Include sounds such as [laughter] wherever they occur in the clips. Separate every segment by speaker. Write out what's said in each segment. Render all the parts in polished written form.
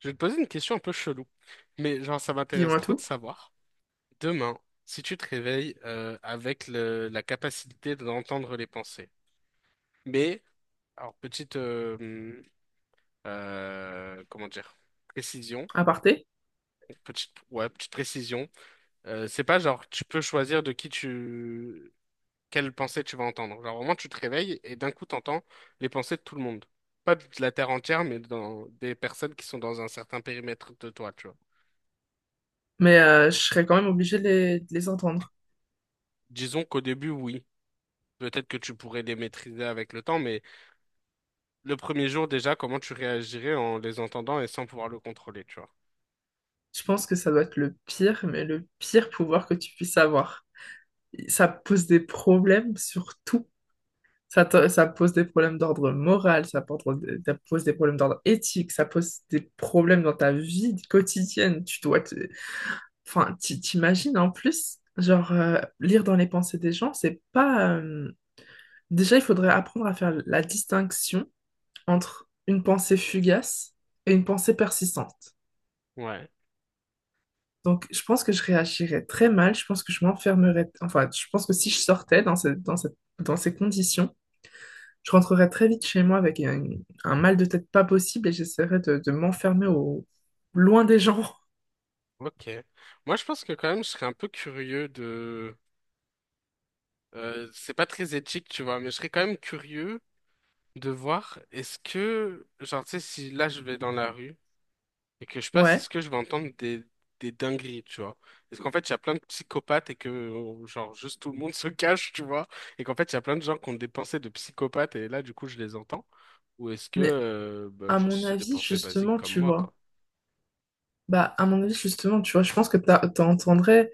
Speaker 1: Je vais te poser une question un peu chelou, mais genre ça m'intéresse
Speaker 2: Dis-moi
Speaker 1: trop de
Speaker 2: tout,
Speaker 1: savoir. Demain, si tu te réveilles avec la capacité d'entendre les pensées, mais alors petite comment dire précision,
Speaker 2: à parté.
Speaker 1: petite petite précision, c'est pas genre tu peux choisir de qui tu quelle pensée tu vas entendre. Genre vraiment tu te réveilles et d'un coup t'entends les pensées de tout le monde, pas de la terre entière, mais dans des personnes qui sont dans un certain périmètre de toi, tu vois.
Speaker 2: Mais je serais quand même obligée de les entendre.
Speaker 1: Disons qu'au début oui. Peut-être que tu pourrais les maîtriser avec le temps, mais le premier jour déjà, comment tu réagirais en les entendant et sans pouvoir le contrôler, tu vois?
Speaker 2: Je pense que ça doit être le pire, mais le pire pouvoir que tu puisses avoir. Ça pose des problèmes sur tout. Ça pose des problèmes d'ordre moral, ça pose des problèmes d'ordre éthique, ça pose des problèmes dans ta vie quotidienne. Tu dois te... Enfin, t'imagines en plus, genre, lire dans les pensées des gens, c'est pas... Déjà, il faudrait apprendre à faire la distinction entre une pensée fugace et une pensée persistante.
Speaker 1: Ouais,
Speaker 2: Donc, je pense que je réagirais très mal. Je pense que je m'enfermerais. Enfin, je pense que si je sortais dans, ce- dans, cette- dans ces conditions, je rentrerais très vite chez moi avec un mal de tête pas possible et j'essaierais de m'enfermer au loin des gens. [laughs]
Speaker 1: ok. Moi, je pense que quand même, je serais un peu curieux de... c'est pas très éthique, tu vois, mais je serais quand même curieux de voir est-ce que, genre, tu sais, si là, je vais dans la rue et que je passe,
Speaker 2: Ouais.
Speaker 1: est-ce que je vais entendre des dingueries, tu vois? Est-ce qu'en fait, il y a plein de psychopathes et que, genre, juste tout le monde [laughs] se cache, tu vois? Et qu'en fait, il y a plein de gens qui ont des pensées de psychopathes et là, du coup, je les entends? Ou est-ce que,
Speaker 2: Mais
Speaker 1: bah,
Speaker 2: à mon
Speaker 1: juste c'est des
Speaker 2: avis,
Speaker 1: pensées basiques
Speaker 2: justement,
Speaker 1: comme
Speaker 2: tu
Speaker 1: moi, quoi?
Speaker 2: vois. Bah, à mon avis, justement, tu vois, je pense que t'entendrais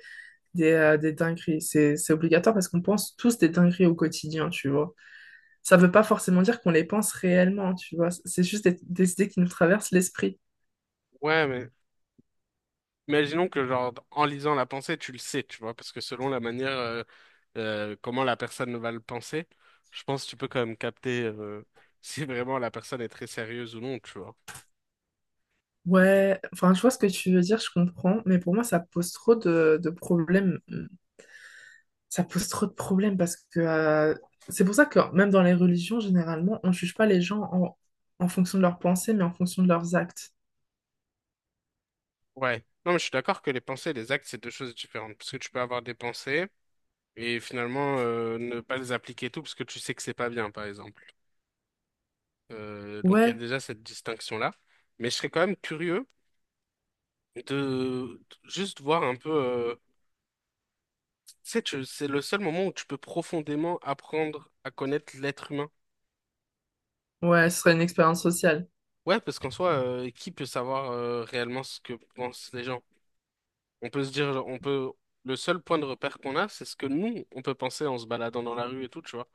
Speaker 2: des dingueries. C'est obligatoire parce qu'on pense tous des dingueries au quotidien, tu vois. Ça veut pas forcément dire qu'on les pense réellement, tu vois. C'est juste des idées qui nous traversent l'esprit.
Speaker 1: Ouais, mais imaginons que, genre, en lisant la pensée, tu le sais, tu vois? Parce que selon la manière, comment la personne va le penser, je pense que tu peux quand même capter, [laughs] si vraiment la personne est très sérieuse ou non, tu vois?
Speaker 2: Ouais, enfin, je vois ce que tu veux dire, je comprends, mais pour moi, ça pose trop de problèmes. Ça pose trop de problèmes parce que c'est pour ça que même dans les religions, généralement, on juge pas les gens en, en fonction de leurs pensées, mais en fonction de leurs actes.
Speaker 1: Ouais. Non, mais je suis d'accord que les pensées et les actes, c'est deux choses différentes. Parce que tu peux avoir des pensées et finalement ne pas les appliquer et tout parce que tu sais que c'est pas bien, par exemple. Donc il y a
Speaker 2: Ouais,
Speaker 1: déjà cette distinction-là. Mais je serais quand même curieux de juste voir un peu. Tu sais, c'est le seul moment où tu peux profondément apprendre à connaître l'être humain.
Speaker 2: ouais, ce serait une expérience sociale.
Speaker 1: Ouais, parce qu'en soi, qui peut savoir réellement ce que pensent les gens? On peut se dire, on peut. Le seul point de repère qu'on a, c'est ce que nous, on peut penser en se baladant dans la rue et tout, tu vois.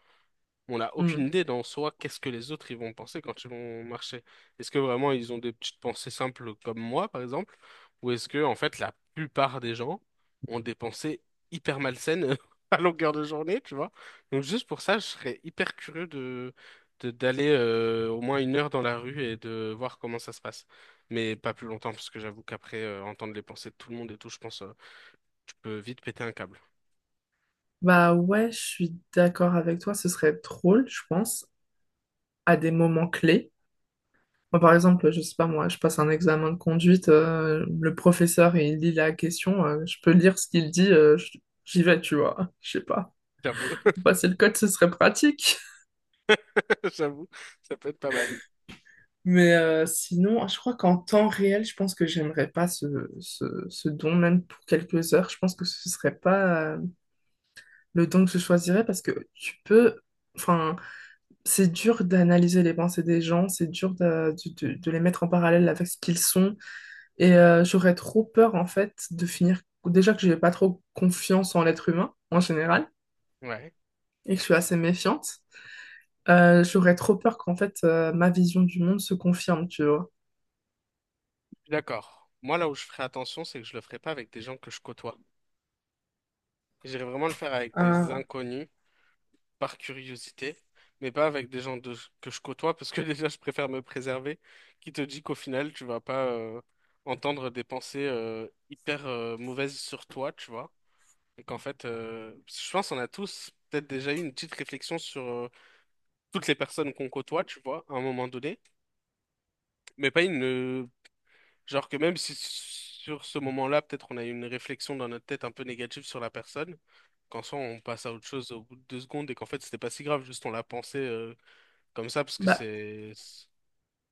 Speaker 1: On n'a
Speaker 2: Hmm.
Speaker 1: aucune idée dans soi qu'est-ce que les autres ils vont penser quand ils vont marcher. Est-ce que vraiment ils ont des petites pensées simples comme moi, par exemple, ou est-ce que en fait la plupart des gens ont des pensées hyper malsaines [laughs] à longueur de journée, tu vois? Donc juste pour ça, je serais hyper curieux de, d'aller au moins une heure dans la rue et de voir comment ça se passe. Mais pas plus longtemps, parce que j'avoue qu'après entendre les pensées de tout le monde et tout, je pense tu peux vite péter un câble.
Speaker 2: Bah ouais, je suis d'accord avec toi, ce serait drôle, je pense, à des moments clés. Moi, par exemple, je sais pas, moi, je passe un examen de conduite, le professeur, il lit la question, je peux lire ce qu'il dit, j'y vais, tu vois, je sais pas.
Speaker 1: J'avoue,
Speaker 2: Pour passer le code, ce serait pratique. [laughs]
Speaker 1: [laughs] j'avoue, ça peut être pas mal.
Speaker 2: Mais sinon, je crois qu'en temps réel, je pense que j'aimerais pas ce, ce don, même pour quelques heures. Je pense que ce serait pas le don que je choisirais parce que tu peux, enfin, c'est dur d'analyser les pensées des gens, c'est dur de, de les mettre en parallèle avec ce qu'ils sont. Et j'aurais trop peur, en fait, de finir. Déjà que j'ai pas trop confiance en l'être humain, en général,
Speaker 1: Ouais.
Speaker 2: et que je suis assez méfiante. J'aurais trop peur qu'en fait, ma vision du monde se confirme, tu vois.
Speaker 1: Je suis d'accord. Moi, là où je ferai attention, c'est que je le ferai pas avec des gens que je côtoie. J'irai vraiment le faire avec des
Speaker 2: Ah.
Speaker 1: inconnus, par curiosité, mais pas avec des gens que je côtoie, parce que [laughs] déjà, je préfère me préserver, qui te dit qu'au final, tu vas pas entendre des pensées hyper mauvaises sur toi, tu vois. Et qu'en fait, parce que je pense qu'on a tous peut-être déjà eu une petite réflexion sur toutes les personnes qu'on côtoie, tu vois, à un moment donné, mais pas une. Genre que même si sur ce moment-là, peut-être on a eu une réflexion dans notre tête un peu négative sur la personne, qu'en soi on passe à autre chose au bout de deux secondes et qu'en fait c'était pas si grave, juste on l'a pensé comme ça parce que
Speaker 2: Bah,
Speaker 1: c'est...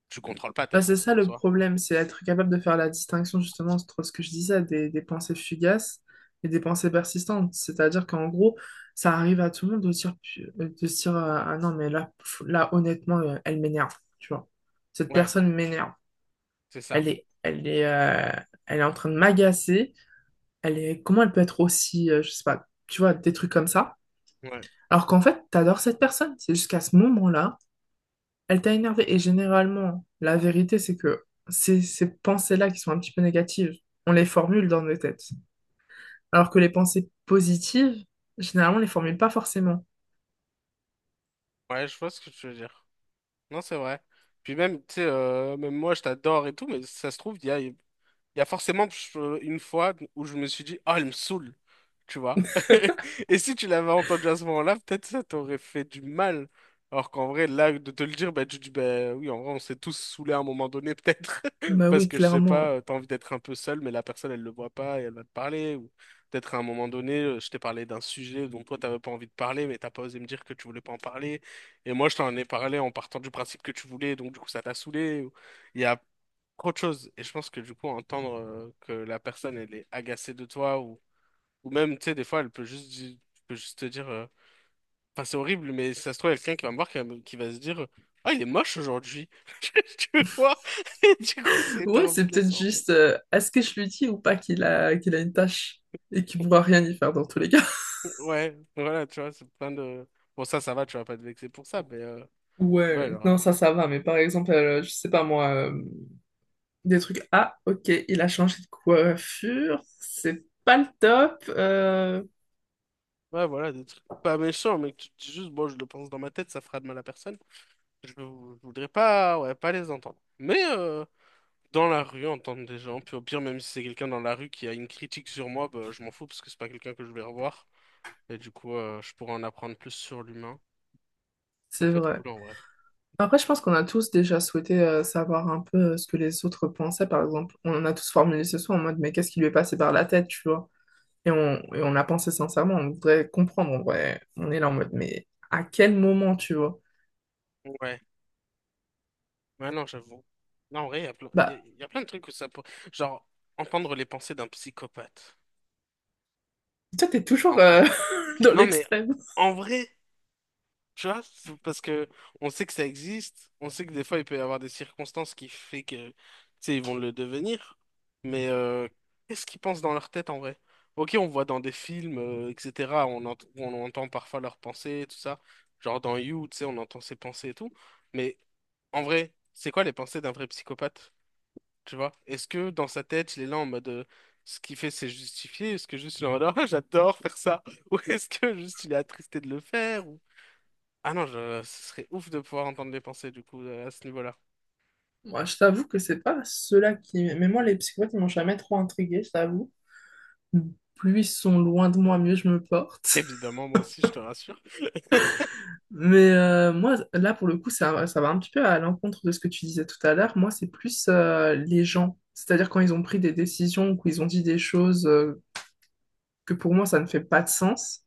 Speaker 1: Tu contrôles pas tes
Speaker 2: bah, c'est
Speaker 1: pensées
Speaker 2: ça
Speaker 1: en
Speaker 2: le
Speaker 1: soi.
Speaker 2: problème, c'est être capable de faire la distinction, justement, entre ce que je disais, des pensées fugaces et des pensées persistantes. C'est-à-dire qu'en gros, ça arrive à tout le monde de dire, de se dire, ah non, mais là, pff, là, honnêtement, elle m'énerve, tu vois. Cette
Speaker 1: Ouais,
Speaker 2: personne m'énerve.
Speaker 1: c'est ça.
Speaker 2: Elle est, elle est, euh, Elle est en train de m'agacer. Elle est, comment elle peut être aussi, je sais pas, tu vois, des trucs comme ça.
Speaker 1: Ouais.
Speaker 2: Alors qu'en fait, t'adores cette personne. C'est jusqu'à ce moment-là, elle t'a énervé. Et généralement, la vérité, c'est que c'est ces pensées-là qui sont un petit peu négatives, on les formule dans nos têtes. Alors que les pensées positives, généralement, on les formule pas forcément.
Speaker 1: Ouais, je vois ce que tu veux dire. Non, c'est vrai. Puis même, tu sais, même moi je t'adore et tout, mais ça se trouve, il y a forcément une fois où je me suis dit, oh, elle me saoule, tu vois.
Speaker 2: [laughs]
Speaker 1: [laughs] Et si tu l'avais entendu à ce moment-là, peut-être ça t'aurait fait du mal. Alors qu'en vrai, là, de te le dire, bah, tu dis, bah oui, en vrai, on s'est tous saoulés à un moment donné, peut-être. [laughs]
Speaker 2: Bah
Speaker 1: Parce
Speaker 2: oui,
Speaker 1: que je sais pas,
Speaker 2: clairement.
Speaker 1: t'as envie d'être un peu seul, mais la personne, elle le voit pas et elle va te parler. Ou peut-être à un moment donné, je t'ai parlé d'un sujet dont toi, t'avais pas envie de parler, mais t'as pas osé me dire que tu voulais pas en parler. Et moi, je t'en ai parlé en partant du principe que tu voulais, donc du coup, ça t'a saoulé. Il y a autre chose. Et je pense que du coup, entendre que la personne, elle est agacée de toi, ou même, tu sais, des fois, elle peut peut juste te dire, enfin, c'est horrible, mais si ça se trouve, il y a quelqu'un qui va me voir, qui va se dire, ah, il est moche aujourd'hui. [laughs] Tu vois? Et du coup, c'est
Speaker 2: Ouais,
Speaker 1: hyper
Speaker 2: c'est peut-être
Speaker 1: blessant.
Speaker 2: juste, est-ce que je lui dis ou pas qu'il a, qu'il a une tâche et qu'il pourra rien y faire dans tous les cas.
Speaker 1: Ouais, voilà, tu vois, c'est plein de. Bon, ça va, tu vas pas te vexer pour ça, ouais,
Speaker 2: Ouais,
Speaker 1: genre,
Speaker 2: non, ça va, mais par exemple, je sais pas moi, des trucs, ah, ok, il a changé de coiffure, c'est pas le top,
Speaker 1: ouais, voilà, des trucs pas méchants, mais que tu te dis juste, bon, je le pense dans ma tête, ça fera de mal à personne. Je voudrais pas, ouais, pas les entendre. Mais, dans la rue, entendre des gens. Puis au pire, même si c'est quelqu'un dans la rue qui a une critique sur moi, bah, je m'en fous parce que c'est pas quelqu'un que je vais revoir. Et du coup, je pourrais en apprendre plus sur l'humain. Ça
Speaker 2: c'est
Speaker 1: peut être
Speaker 2: vrai.
Speaker 1: cool en vrai.
Speaker 2: Après, je pense qu'on a tous déjà souhaité savoir un peu ce que les autres pensaient, par exemple. On en a tous formulé ce soir en mode, mais qu'est-ce qui lui est passé par la tête, tu vois? Et on l'a pensé sincèrement, on voudrait comprendre, on est là en mode, mais à quel moment, tu vois?
Speaker 1: Ouais, ouais, non, j'avoue. Non, en vrai,
Speaker 2: Bah,
Speaker 1: il y a plein de trucs où ça peut... Genre, entendre les pensées d'un psychopathe,
Speaker 2: toi, t'es toujours
Speaker 1: en vrai.
Speaker 2: [laughs] dans
Speaker 1: Non, mais
Speaker 2: l'extrême.
Speaker 1: en vrai. Tu vois, c'est parce que on sait que ça existe, on sait que des fois il peut y avoir des circonstances qui fait que, tu sais, ils vont le devenir, mais euh, qu'est-ce qu'ils pensent dans leur tête en vrai? Ok, on voit dans des films, etc., on entend parfois leurs pensées, et tout ça, genre dans You, tu sais, on entend ses pensées et tout, mais en vrai, c'est quoi les pensées d'un vrai psychopathe? Tu vois? Est-ce que dans sa tête, il est là en mode ce qu'il fait c'est justifié, est-ce que juste il est en mode ah, [laughs] j'adore faire ça, ou est-ce que juste il est attristé de le faire, ah non, je... ce serait ouf de pouvoir entendre les pensées du coup à ce niveau-là.
Speaker 2: Moi, je t'avoue que c'est pas ceux-là qui... Mais moi, les psychopathes, ils m'ont jamais trop intriguée, je t'avoue. Plus ils sont loin de moi, mieux je me porte. [laughs]
Speaker 1: Évidemment, moi aussi, je te rassure.
Speaker 2: Mais moi, là, pour le coup, ça va un petit peu à l'encontre de ce que tu disais tout à l'heure. Moi, c'est plus les gens. C'est-à-dire quand ils ont pris des décisions ou qu'ils ont dit des choses que pour moi, ça ne fait pas de sens.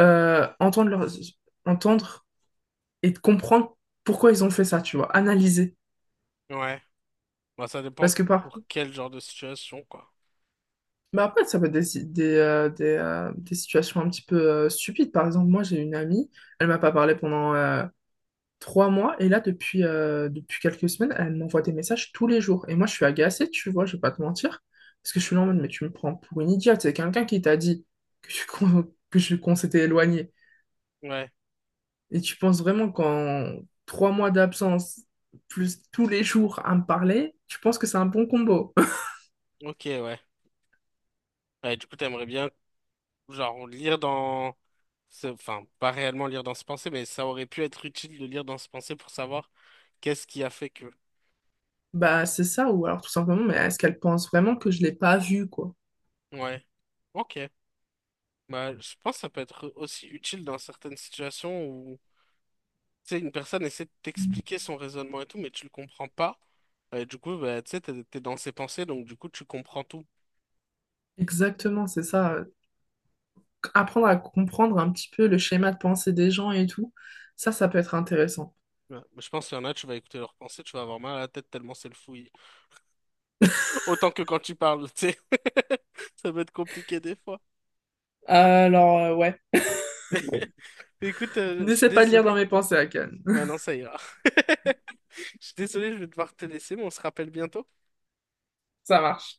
Speaker 2: Entendre, leur... entendre et comprendre pourquoi ils ont fait ça, tu vois. Analyser.
Speaker 1: Ouais, bah ça dépend
Speaker 2: Parce que
Speaker 1: pour
Speaker 2: parfois,
Speaker 1: quel genre de situation, quoi.
Speaker 2: mais après, ça peut être des, si, des situations un petit peu stupides. Par exemple, moi, j'ai une amie, elle m'a pas parlé pendant 3 mois, et là, depuis, depuis quelques semaines, elle m'envoie des messages tous les jours. Et moi, je suis agacée, tu vois, je vais pas te mentir, parce que je suis là en mode, mais tu me prends pour une idiote. C'est quelqu'un qui t'a dit qu'on [laughs] qu'on s'était éloigné.
Speaker 1: Ouais,
Speaker 2: Et tu penses vraiment qu'en 3 mois d'absence, plus tous les jours à me parler, tu penses que c'est un bon combo? [laughs]
Speaker 1: ok, ouais. Ouais, du coup, t'aimerais bien, genre, lire dans... enfin, pas réellement lire dans ce pensée, mais ça aurait pu être utile de lire dans ce pensée pour savoir qu'est-ce qui a fait que...
Speaker 2: Bah, c'est ça, ou alors tout simplement, mais est-ce qu'elle pense vraiment que je l'ai pas vue, quoi?
Speaker 1: Ouais, ok. Bah, je pense que ça peut être aussi utile dans certaines situations. Tu sais, une personne essaie de t'expliquer son raisonnement et tout, mais tu le comprends pas. Et du coup, bah, tu sais, t'es dans ses pensées, donc du coup, tu comprends tout.
Speaker 2: Exactement, c'est ça. Apprendre à comprendre un petit peu le schéma de pensée des gens et tout, ça peut être intéressant.
Speaker 1: Ouais. Mais je pense qu'il y en a, tu vas écouter leurs pensées, tu vas avoir mal à la tête tellement c'est le fouillis.
Speaker 2: [laughs]
Speaker 1: [laughs] Autant que quand tu parles, tu sais. [laughs] Ça peut être compliqué des fois.
Speaker 2: Alors, ouais.
Speaker 1: [laughs] Écoute, je suis
Speaker 2: N'essaie pas de lire dans
Speaker 1: désolé.
Speaker 2: mes pensées, Akan. [laughs]
Speaker 1: Ouais, non, ça ira. [laughs] Je suis désolé, je vais devoir te laisser, mais on se rappelle bientôt.
Speaker 2: Ça marche.